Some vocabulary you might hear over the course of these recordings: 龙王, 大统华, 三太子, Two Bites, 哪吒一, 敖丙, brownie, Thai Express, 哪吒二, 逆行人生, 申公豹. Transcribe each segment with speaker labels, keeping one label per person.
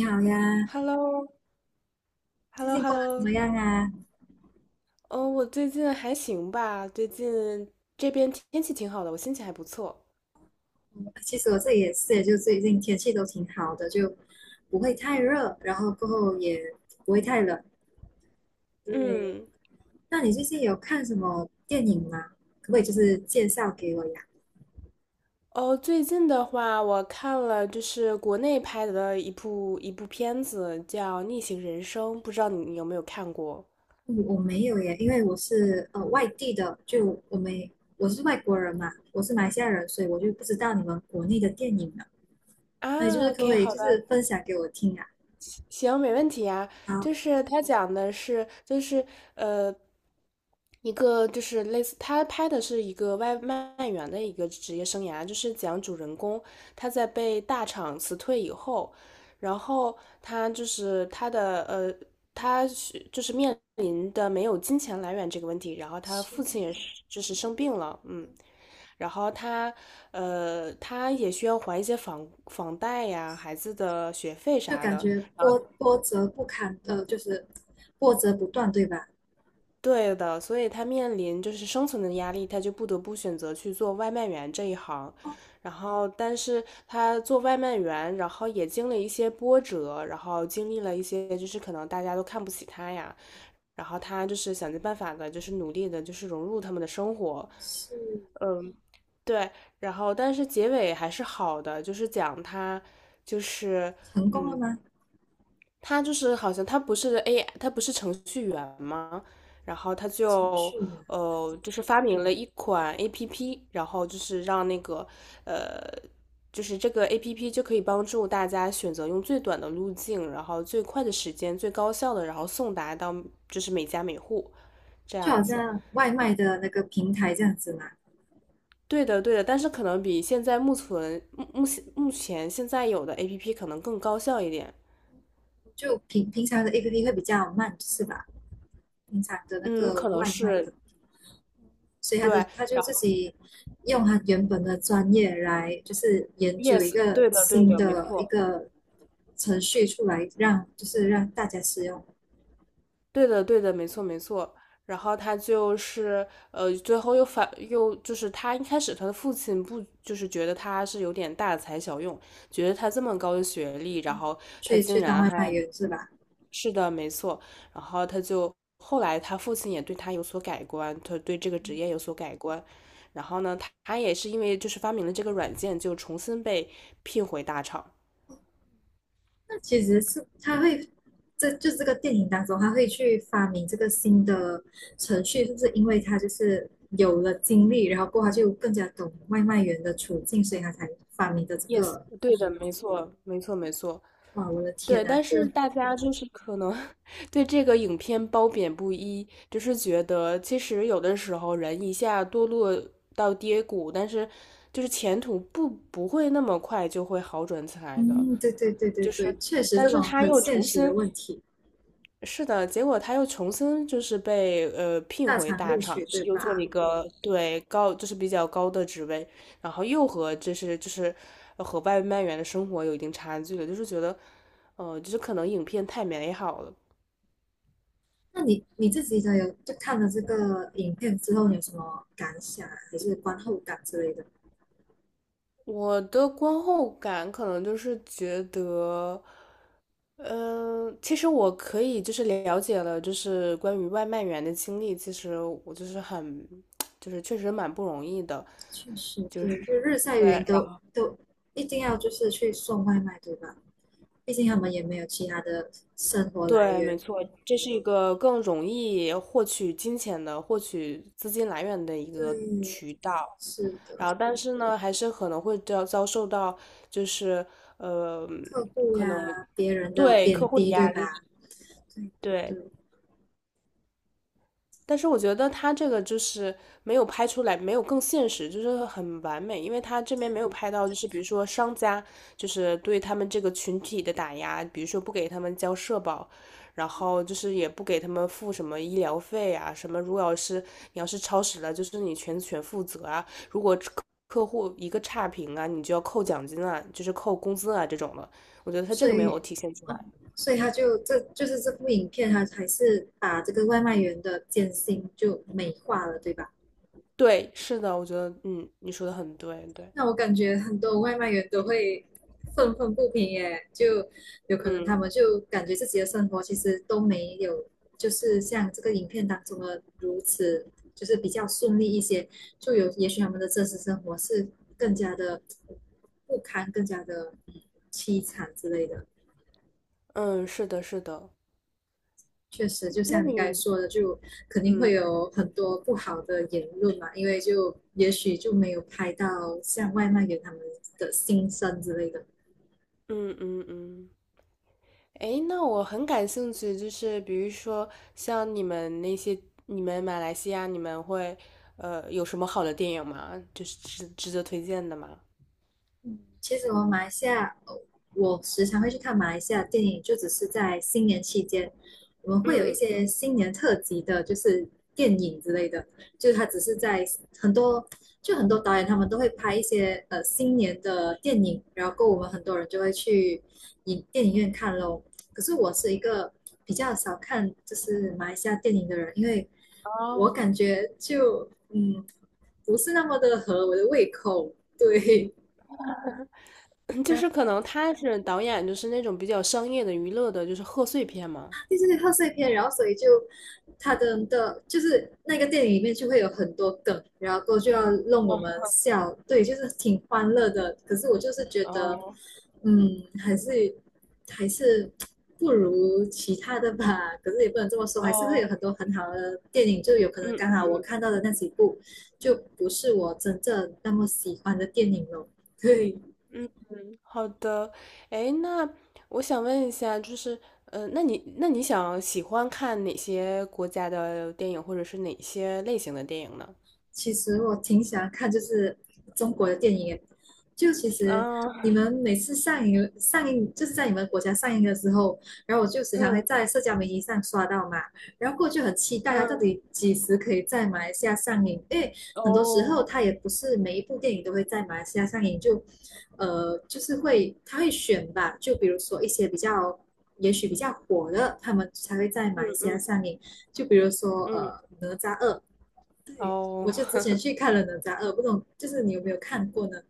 Speaker 1: 你好呀，
Speaker 2: h e l l o h e l
Speaker 1: 最
Speaker 2: l o
Speaker 1: 近
Speaker 2: h e l
Speaker 1: 过
Speaker 2: l
Speaker 1: 得怎
Speaker 2: o。
Speaker 1: 么样啊？
Speaker 2: 哦，我最近还行吧，最近这边天气挺好的，我心情还不错。
Speaker 1: 嗯其实我这里也是，就最近天气都挺好的，就不会太热，然后过后也不会太冷。对。
Speaker 2: 嗯。
Speaker 1: 那你最近有看什么电影吗？可不可以就是介绍给我呀？
Speaker 2: 哦，最近的话，我看了就是国内拍的一部片子，叫《逆行人生》，不知道你有没有看过？
Speaker 1: 嗯我没有耶，因为我是外地的，就我没我是外国人嘛，我是马来西亚人，所以我就不知道你们国内的电影了。那你就
Speaker 2: 啊
Speaker 1: 是可不
Speaker 2: ，OK,
Speaker 1: 可以
Speaker 2: 好
Speaker 1: 就
Speaker 2: 吧，
Speaker 1: 是分享给我听啊？
Speaker 2: 行，没问题呀。
Speaker 1: 好。
Speaker 2: 就是他讲的是，就是呃，一个就是类似，他拍的是一个外卖员的一个职业生涯，就是讲主人公他在被大厂辞退以后，然后他就是他的他就是面临的没有金钱来源这个问题，然后他父亲也是就是生病了，嗯，然后他他也需要还一些房贷呀、孩子的学费
Speaker 1: 就
Speaker 2: 啥
Speaker 1: 感
Speaker 2: 的，
Speaker 1: 觉
Speaker 2: 然后。
Speaker 1: 波折不堪，就是波折不断，对吧？
Speaker 2: 对的，所以他面临就是生存的压力，他就不得不选择去做外卖员这一行。
Speaker 1: 哦，
Speaker 2: 然后，但是他做外卖员，然后也经历一些波折，然后经历了一些就是可能大家都看不起他呀，然后他就是想尽办法的，就是努力的，就是融入他们的生活。
Speaker 1: 是
Speaker 2: 对，然后但是结尾还是好的，就是讲他就是
Speaker 1: 成功了
Speaker 2: 嗯
Speaker 1: 吗？
Speaker 2: 他就是好像他不是 AI,他不是程序员吗？然后他
Speaker 1: 还是程
Speaker 2: 就
Speaker 1: 序呢？
Speaker 2: 就是发明了一款 APP,然后就是让那个呃，就是这个 APP 就可以帮助大家选择用最短的路径，然后最快的时间、最高效的，然后送达到就是每家每户这
Speaker 1: 就好
Speaker 2: 样子。
Speaker 1: 像外卖的那个平台这样子嘛，
Speaker 2: 对的，对的，但是可能比现在目前现在有的 APP 可能更高效一点。
Speaker 1: 就平常的 APP 会比较慢，是吧？平常的那
Speaker 2: 嗯，
Speaker 1: 个
Speaker 2: 可能
Speaker 1: 外卖
Speaker 2: 是
Speaker 1: 的，所以
Speaker 2: 对。然
Speaker 1: 他就自己用他原本的专业来，就是研究一
Speaker 2: Yes,
Speaker 1: 个
Speaker 2: 对的，对
Speaker 1: 新
Speaker 2: 的，没
Speaker 1: 的一
Speaker 2: 错，
Speaker 1: 个程序出来，就是让大家使用，
Speaker 2: 对的，对的，没错，没错。然后他就是最后又反又就是他一开始他的父亲不就是觉得他是有点大材小用，觉得他这么高的学历，然后他竟
Speaker 1: 去当
Speaker 2: 然
Speaker 1: 外卖
Speaker 2: 还
Speaker 1: 员，是吧？
Speaker 2: 是的，没错。然后他就后来他父亲也对他有所改观，他对这个职业有所改观。然后呢，他也是因为就是发明了这个软件，就重新被聘回大厂。
Speaker 1: 那其实是他会，这个电影当中，他会去发明这个新的程序，是不是因为他就是有了经历，然后过后他就更加懂外卖员的处境，所以他才发明的这
Speaker 2: Yes,
Speaker 1: 个。
Speaker 2: 对的，没错，没错，没错。
Speaker 1: 哇，我的天
Speaker 2: 对，
Speaker 1: 啊，
Speaker 2: 但是大家就是可能 对这个影片褒贬不一，就是觉得其实有的时候人一下堕落到跌谷，但是就是前途不会那么快就会好转起来的，
Speaker 1: 对对对对
Speaker 2: 就是，
Speaker 1: 对，确实
Speaker 2: 但
Speaker 1: 这
Speaker 2: 是
Speaker 1: 种
Speaker 2: 他
Speaker 1: 很
Speaker 2: 又
Speaker 1: 现
Speaker 2: 重
Speaker 1: 实的
Speaker 2: 新
Speaker 1: 问题。
Speaker 2: 是的，结果他又重新就是被聘
Speaker 1: 大
Speaker 2: 回
Speaker 1: 厂
Speaker 2: 大
Speaker 1: 录
Speaker 2: 厂，
Speaker 1: 取
Speaker 2: 就
Speaker 1: 对
Speaker 2: 是又做了
Speaker 1: 吧？
Speaker 2: 一个对高就是比较高的职位，然后又和就是和外卖员的生活有一定差距了，就是觉得，就是可能影片太美好了。
Speaker 1: 那你你自己的有就看了这个影片之后，你有什么感想啊还是观后感之类的？
Speaker 2: 我的观后感可能就是觉得，嗯、其实我可以就是了解了，就是关于外卖员的经历，其实我就是很，就是确实蛮不容易的，
Speaker 1: 确实
Speaker 2: 就
Speaker 1: 对，
Speaker 2: 是
Speaker 1: 就日晒
Speaker 2: 对，
Speaker 1: 雨淋
Speaker 2: 然后。
Speaker 1: 都一定要就是去送外卖，对吧？毕竟他们也没有其他的生活来
Speaker 2: 对，
Speaker 1: 源。
Speaker 2: 没错，这是一个更容易获取金钱的、获取资金来源的一个
Speaker 1: 对，
Speaker 2: 渠道。
Speaker 1: 是
Speaker 2: 然
Speaker 1: 的。
Speaker 2: 后，但是呢，还是可能会遭受到，就是呃，
Speaker 1: 客户
Speaker 2: 可能
Speaker 1: 呀，别人的
Speaker 2: 对客
Speaker 1: 贬
Speaker 2: 户的
Speaker 1: 低，对
Speaker 2: 压力，
Speaker 1: 吧？对对
Speaker 2: 对。
Speaker 1: 对
Speaker 2: 但是我觉得他这个就是没有拍出来，没有更现实，就是很完美，因为他这边没有
Speaker 1: 对。
Speaker 2: 拍到，就是比如说商家就是对他们这个群体的打压，比如说不给他们交社保，然后就是也不给他们付什么医疗费啊，什么如果要是你要是超时了，就是你全权负责啊，客户一个差评啊，你就要扣奖金啊，就是扣工资啊这种的，我觉得他这
Speaker 1: 所
Speaker 2: 个没有
Speaker 1: 以，
Speaker 2: 体现出
Speaker 1: 嗯，
Speaker 2: 来。
Speaker 1: 所以他就这就是这部影片，他还是把这个外卖员的艰辛就美化了，对吧？
Speaker 2: 对，是的，我觉得嗯，你说的很对，对，
Speaker 1: 那我感觉很多外卖员都会愤愤不平耶，就有可能他
Speaker 2: 嗯
Speaker 1: 们就感觉自己的生活其实都没有，就是像这个影片当中的如此，就是比较顺利一些，就有也许他们的真实生活是更加的不堪，更加的凄惨之类的。
Speaker 2: 嗯，是的，是的。
Speaker 1: 确实，就
Speaker 2: 那
Speaker 1: 像你刚才
Speaker 2: 你，
Speaker 1: 说的，就肯定会
Speaker 2: 嗯
Speaker 1: 有很多不好的言论嘛，因为就也许就没有拍到像外卖员他们的心声之类的。
Speaker 2: 嗯嗯嗯，诶，那我很感兴趣，就是比如说像你们那些，你们马来西亚，你们会有什么好的电影吗？就是值得推荐的吗？
Speaker 1: 嗯，其实我马来西亚，我时常会去看马来西亚电影，就只是在新年期间，我们会有一
Speaker 2: 嗯，
Speaker 1: 些新年特辑的，就是电影之类的，就是它只是在很多，就很多导演他们都会拍一些新年的电影，然后我们很多人就会去电影院看咯。可是我是一个比较少看就是马来西亚电影的人，因为我
Speaker 2: 哦，
Speaker 1: 感觉不是那么的合我的胃口。对。
Speaker 2: 就
Speaker 1: 然
Speaker 2: 是可能他是导演，就是那种比较商业的、娱乐的，就是贺岁片嘛。
Speaker 1: 第四个贺岁片，然后所以就他的的，就是那个电影里面就会有很多梗，然后就要弄我们
Speaker 2: 哦
Speaker 1: 笑，对，就是挺欢乐的。可是我就是觉得，
Speaker 2: 哦
Speaker 1: 嗯，还是不如其他的吧。可是也不能这么说，还是会
Speaker 2: 哦，
Speaker 1: 有很多很好的电影，就有可能刚
Speaker 2: 嗯
Speaker 1: 好我看到的那几部就不是我真正那么喜欢的电影咯。对。
Speaker 2: 嗯好的，哎，那我想问一下，就是，那你想喜欢看哪些国家的电影，或者是哪些类型的电影呢？
Speaker 1: 其实我挺喜欢看，就是中国的电影耶，就其实
Speaker 2: 啊，
Speaker 1: 你们每次上映，就是在你们国家上映的时候，然后我就时常会
Speaker 2: 嗯
Speaker 1: 在社交媒体上刷到嘛，然后过去很期待它
Speaker 2: 嗯，
Speaker 1: 到底几时可以在马来西亚上映，因为很多时
Speaker 2: 哦，
Speaker 1: 候它也不是每一部电影都会在马来西亚上映，就就是会它会选吧，就比如说一些比较。也许比较火的，他们才会在
Speaker 2: 嗯
Speaker 1: 马来西亚
Speaker 2: 嗯
Speaker 1: 上映。就比如说，
Speaker 2: 嗯，
Speaker 1: 《哪吒二》，我
Speaker 2: 哦，
Speaker 1: 就之 前去看了《哪吒二》，不懂就是你有没有看过呢？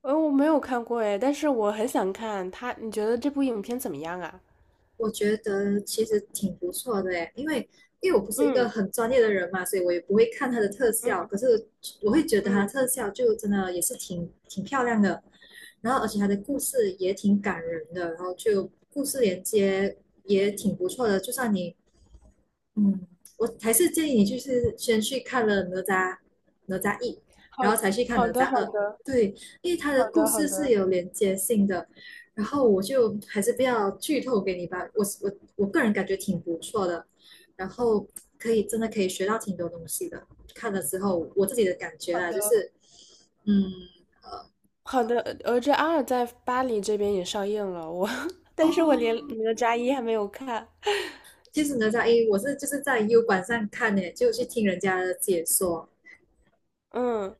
Speaker 2: 我没有看过哎，但是我很想看他，你觉得这部影片怎么样啊？
Speaker 1: 我觉得其实挺不错的诶，因为我不是一个
Speaker 2: 嗯
Speaker 1: 很专业的人嘛，所以我也不会看它的特
Speaker 2: 嗯
Speaker 1: 效，可是我会觉得它的
Speaker 2: 嗯，
Speaker 1: 特效就真的也是挺漂亮的，然后而且它的故事也挺感人的，然后就故事连接也挺不错的，就算你嗯，我还是建议你就是先去看了哪吒一，
Speaker 2: 好
Speaker 1: 然后才去看
Speaker 2: 好
Speaker 1: 哪
Speaker 2: 的
Speaker 1: 吒
Speaker 2: 好
Speaker 1: 二。
Speaker 2: 的
Speaker 1: 对，因为它的
Speaker 2: 好
Speaker 1: 故
Speaker 2: 的好
Speaker 1: 事是
Speaker 2: 的
Speaker 1: 有连接性的。然后我就还是不要剧透给你吧，我个人感觉挺不错的，然后可以真的可以学到挺多东西的。看了之后，我自己的感觉
Speaker 2: 好
Speaker 1: 啦，
Speaker 2: 的，
Speaker 1: 嗯
Speaker 2: 好的，呃《哪吒二》在巴黎这边也上映了，我，但是我连
Speaker 1: 哦，
Speaker 2: 《哪吒一》还没有看。
Speaker 1: 其实哪吒一我是就是在 U 管上看的，就去听人家的解说。
Speaker 2: 嗯，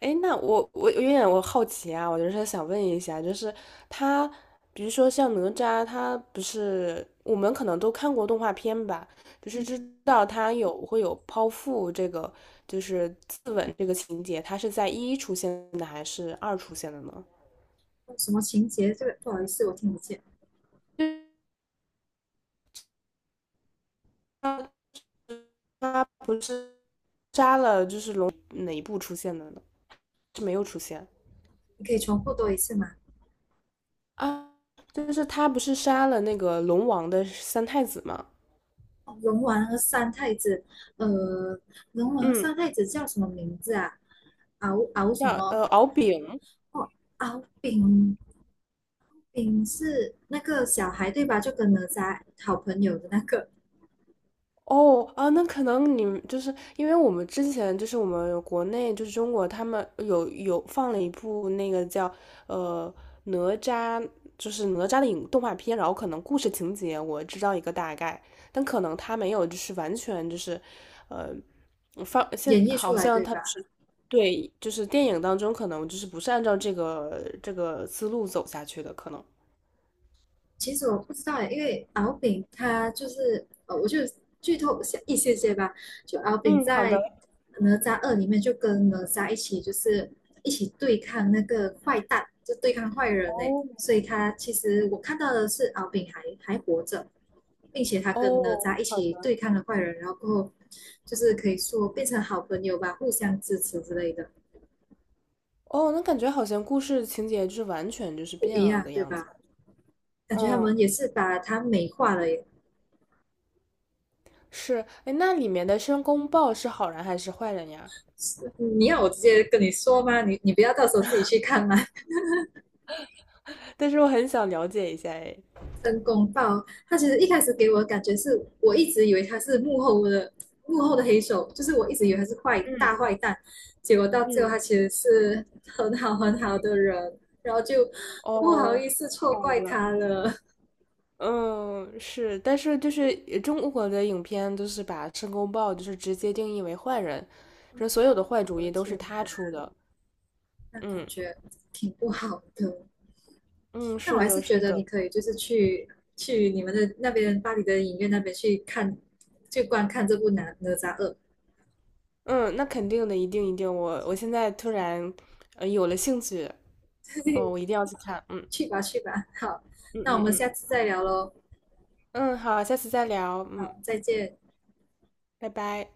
Speaker 2: 哎，那我有点我好奇啊，我就是想问一下，就是他，比如说像哪吒，他不是我们可能都看过动画片吧，就是知道他有会有剖腹这个，就是自刎这个情节，他是在一出现的还是二出现的呢？
Speaker 1: 哦什么情节这个不好意思我听不见。
Speaker 2: 就是他他不是杀了就是龙哪一部出现的呢？是没有出现
Speaker 1: 你可以重复多一次吗？
Speaker 2: 啊，就是他不是杀了那个龙王的三太子吗？
Speaker 1: 哦龙王和三太子，呃，龙王和
Speaker 2: 嗯，
Speaker 1: 三太子叫什么名字啊？敖什
Speaker 2: 叫
Speaker 1: 么？
Speaker 2: 敖丙，
Speaker 1: 哦，敖丙，丙是那个小孩对吧？就跟哪吒好朋友的那个
Speaker 2: 哦啊，那可能你们就是因为我们之前就是我们国内就是中国他们有放了一部那个叫呃哪吒，就是哪吒的影动画片，然后可能故事情节我知道一个大概，但可能他没有就是完全就是呃放
Speaker 1: 演
Speaker 2: 现
Speaker 1: 绎出
Speaker 2: 好
Speaker 1: 来
Speaker 2: 像
Speaker 1: 对
Speaker 2: 他
Speaker 1: 吧？
Speaker 2: 是对就是电影当中可能就是不是按照这个思路走下去的可能。
Speaker 1: 其实我不知道诶，因为敖丙他就是，我就剧透一些一些些吧。就敖丙
Speaker 2: 嗯，好
Speaker 1: 在
Speaker 2: 的。
Speaker 1: 哪吒二里面就跟哪吒一起，就是一起对抗那个坏蛋，就对抗坏人诶。
Speaker 2: 哦
Speaker 1: 所以他其实我看到的是敖丙还活着，并且他跟哪
Speaker 2: 哦，
Speaker 1: 吒一
Speaker 2: 好
Speaker 1: 起
Speaker 2: 的。
Speaker 1: 对抗了坏人，然后过后就是可以说变成好朋友吧，互相支持之类的。
Speaker 2: 哦，那感觉好像故事情节就是完全就是
Speaker 1: 不
Speaker 2: 变
Speaker 1: 一
Speaker 2: 了
Speaker 1: 样
Speaker 2: 的
Speaker 1: 对
Speaker 2: 样子。
Speaker 1: 吧？感觉他
Speaker 2: 嗯，
Speaker 1: 们也是把它美化了耶。
Speaker 2: 是，哎，那里面的申公豹是好人还是坏人呀？
Speaker 1: 嗯你要我直接跟你说吗？你你不要到时候自己去看吗？
Speaker 2: 但是我很想了解一下，哎。
Speaker 1: 申公豹，他其实一开始给我的感觉是我一直以为他是幕后的黑手，就是我一直以为他是坏
Speaker 2: 嗯
Speaker 1: 大坏蛋，结果到最后
Speaker 2: 嗯，
Speaker 1: 他其实是很好很好的人，然后就不好
Speaker 2: 哦，
Speaker 1: 意思错
Speaker 2: 好
Speaker 1: 怪
Speaker 2: 的。
Speaker 1: 他了。
Speaker 2: 嗯，是，但是就是中国的影片都是把申公豹就是直接定义为坏人，说所有的坏主
Speaker 1: 我
Speaker 2: 意
Speaker 1: 的
Speaker 2: 都是
Speaker 1: 天
Speaker 2: 他
Speaker 1: 哪，
Speaker 2: 出的。
Speaker 1: 那感
Speaker 2: 嗯
Speaker 1: 觉挺不好的。
Speaker 2: 嗯，
Speaker 1: 那我
Speaker 2: 是
Speaker 1: 还
Speaker 2: 的，
Speaker 1: 是觉
Speaker 2: 是
Speaker 1: 得你
Speaker 2: 的。
Speaker 1: 可以就是去你们的那边巴黎的影院那边去看，去观看这部哪吒二》
Speaker 2: 嗯，那肯定的，一定一定。我现在突然有了兴趣，嗯，我 一定要去看。嗯。
Speaker 1: 去吧去吧，好，
Speaker 2: 嗯
Speaker 1: 那我
Speaker 2: 嗯
Speaker 1: 们
Speaker 2: 嗯
Speaker 1: 下次再聊喽，
Speaker 2: 嗯，好，下次再聊，嗯，
Speaker 1: 好，再见。
Speaker 2: 拜拜。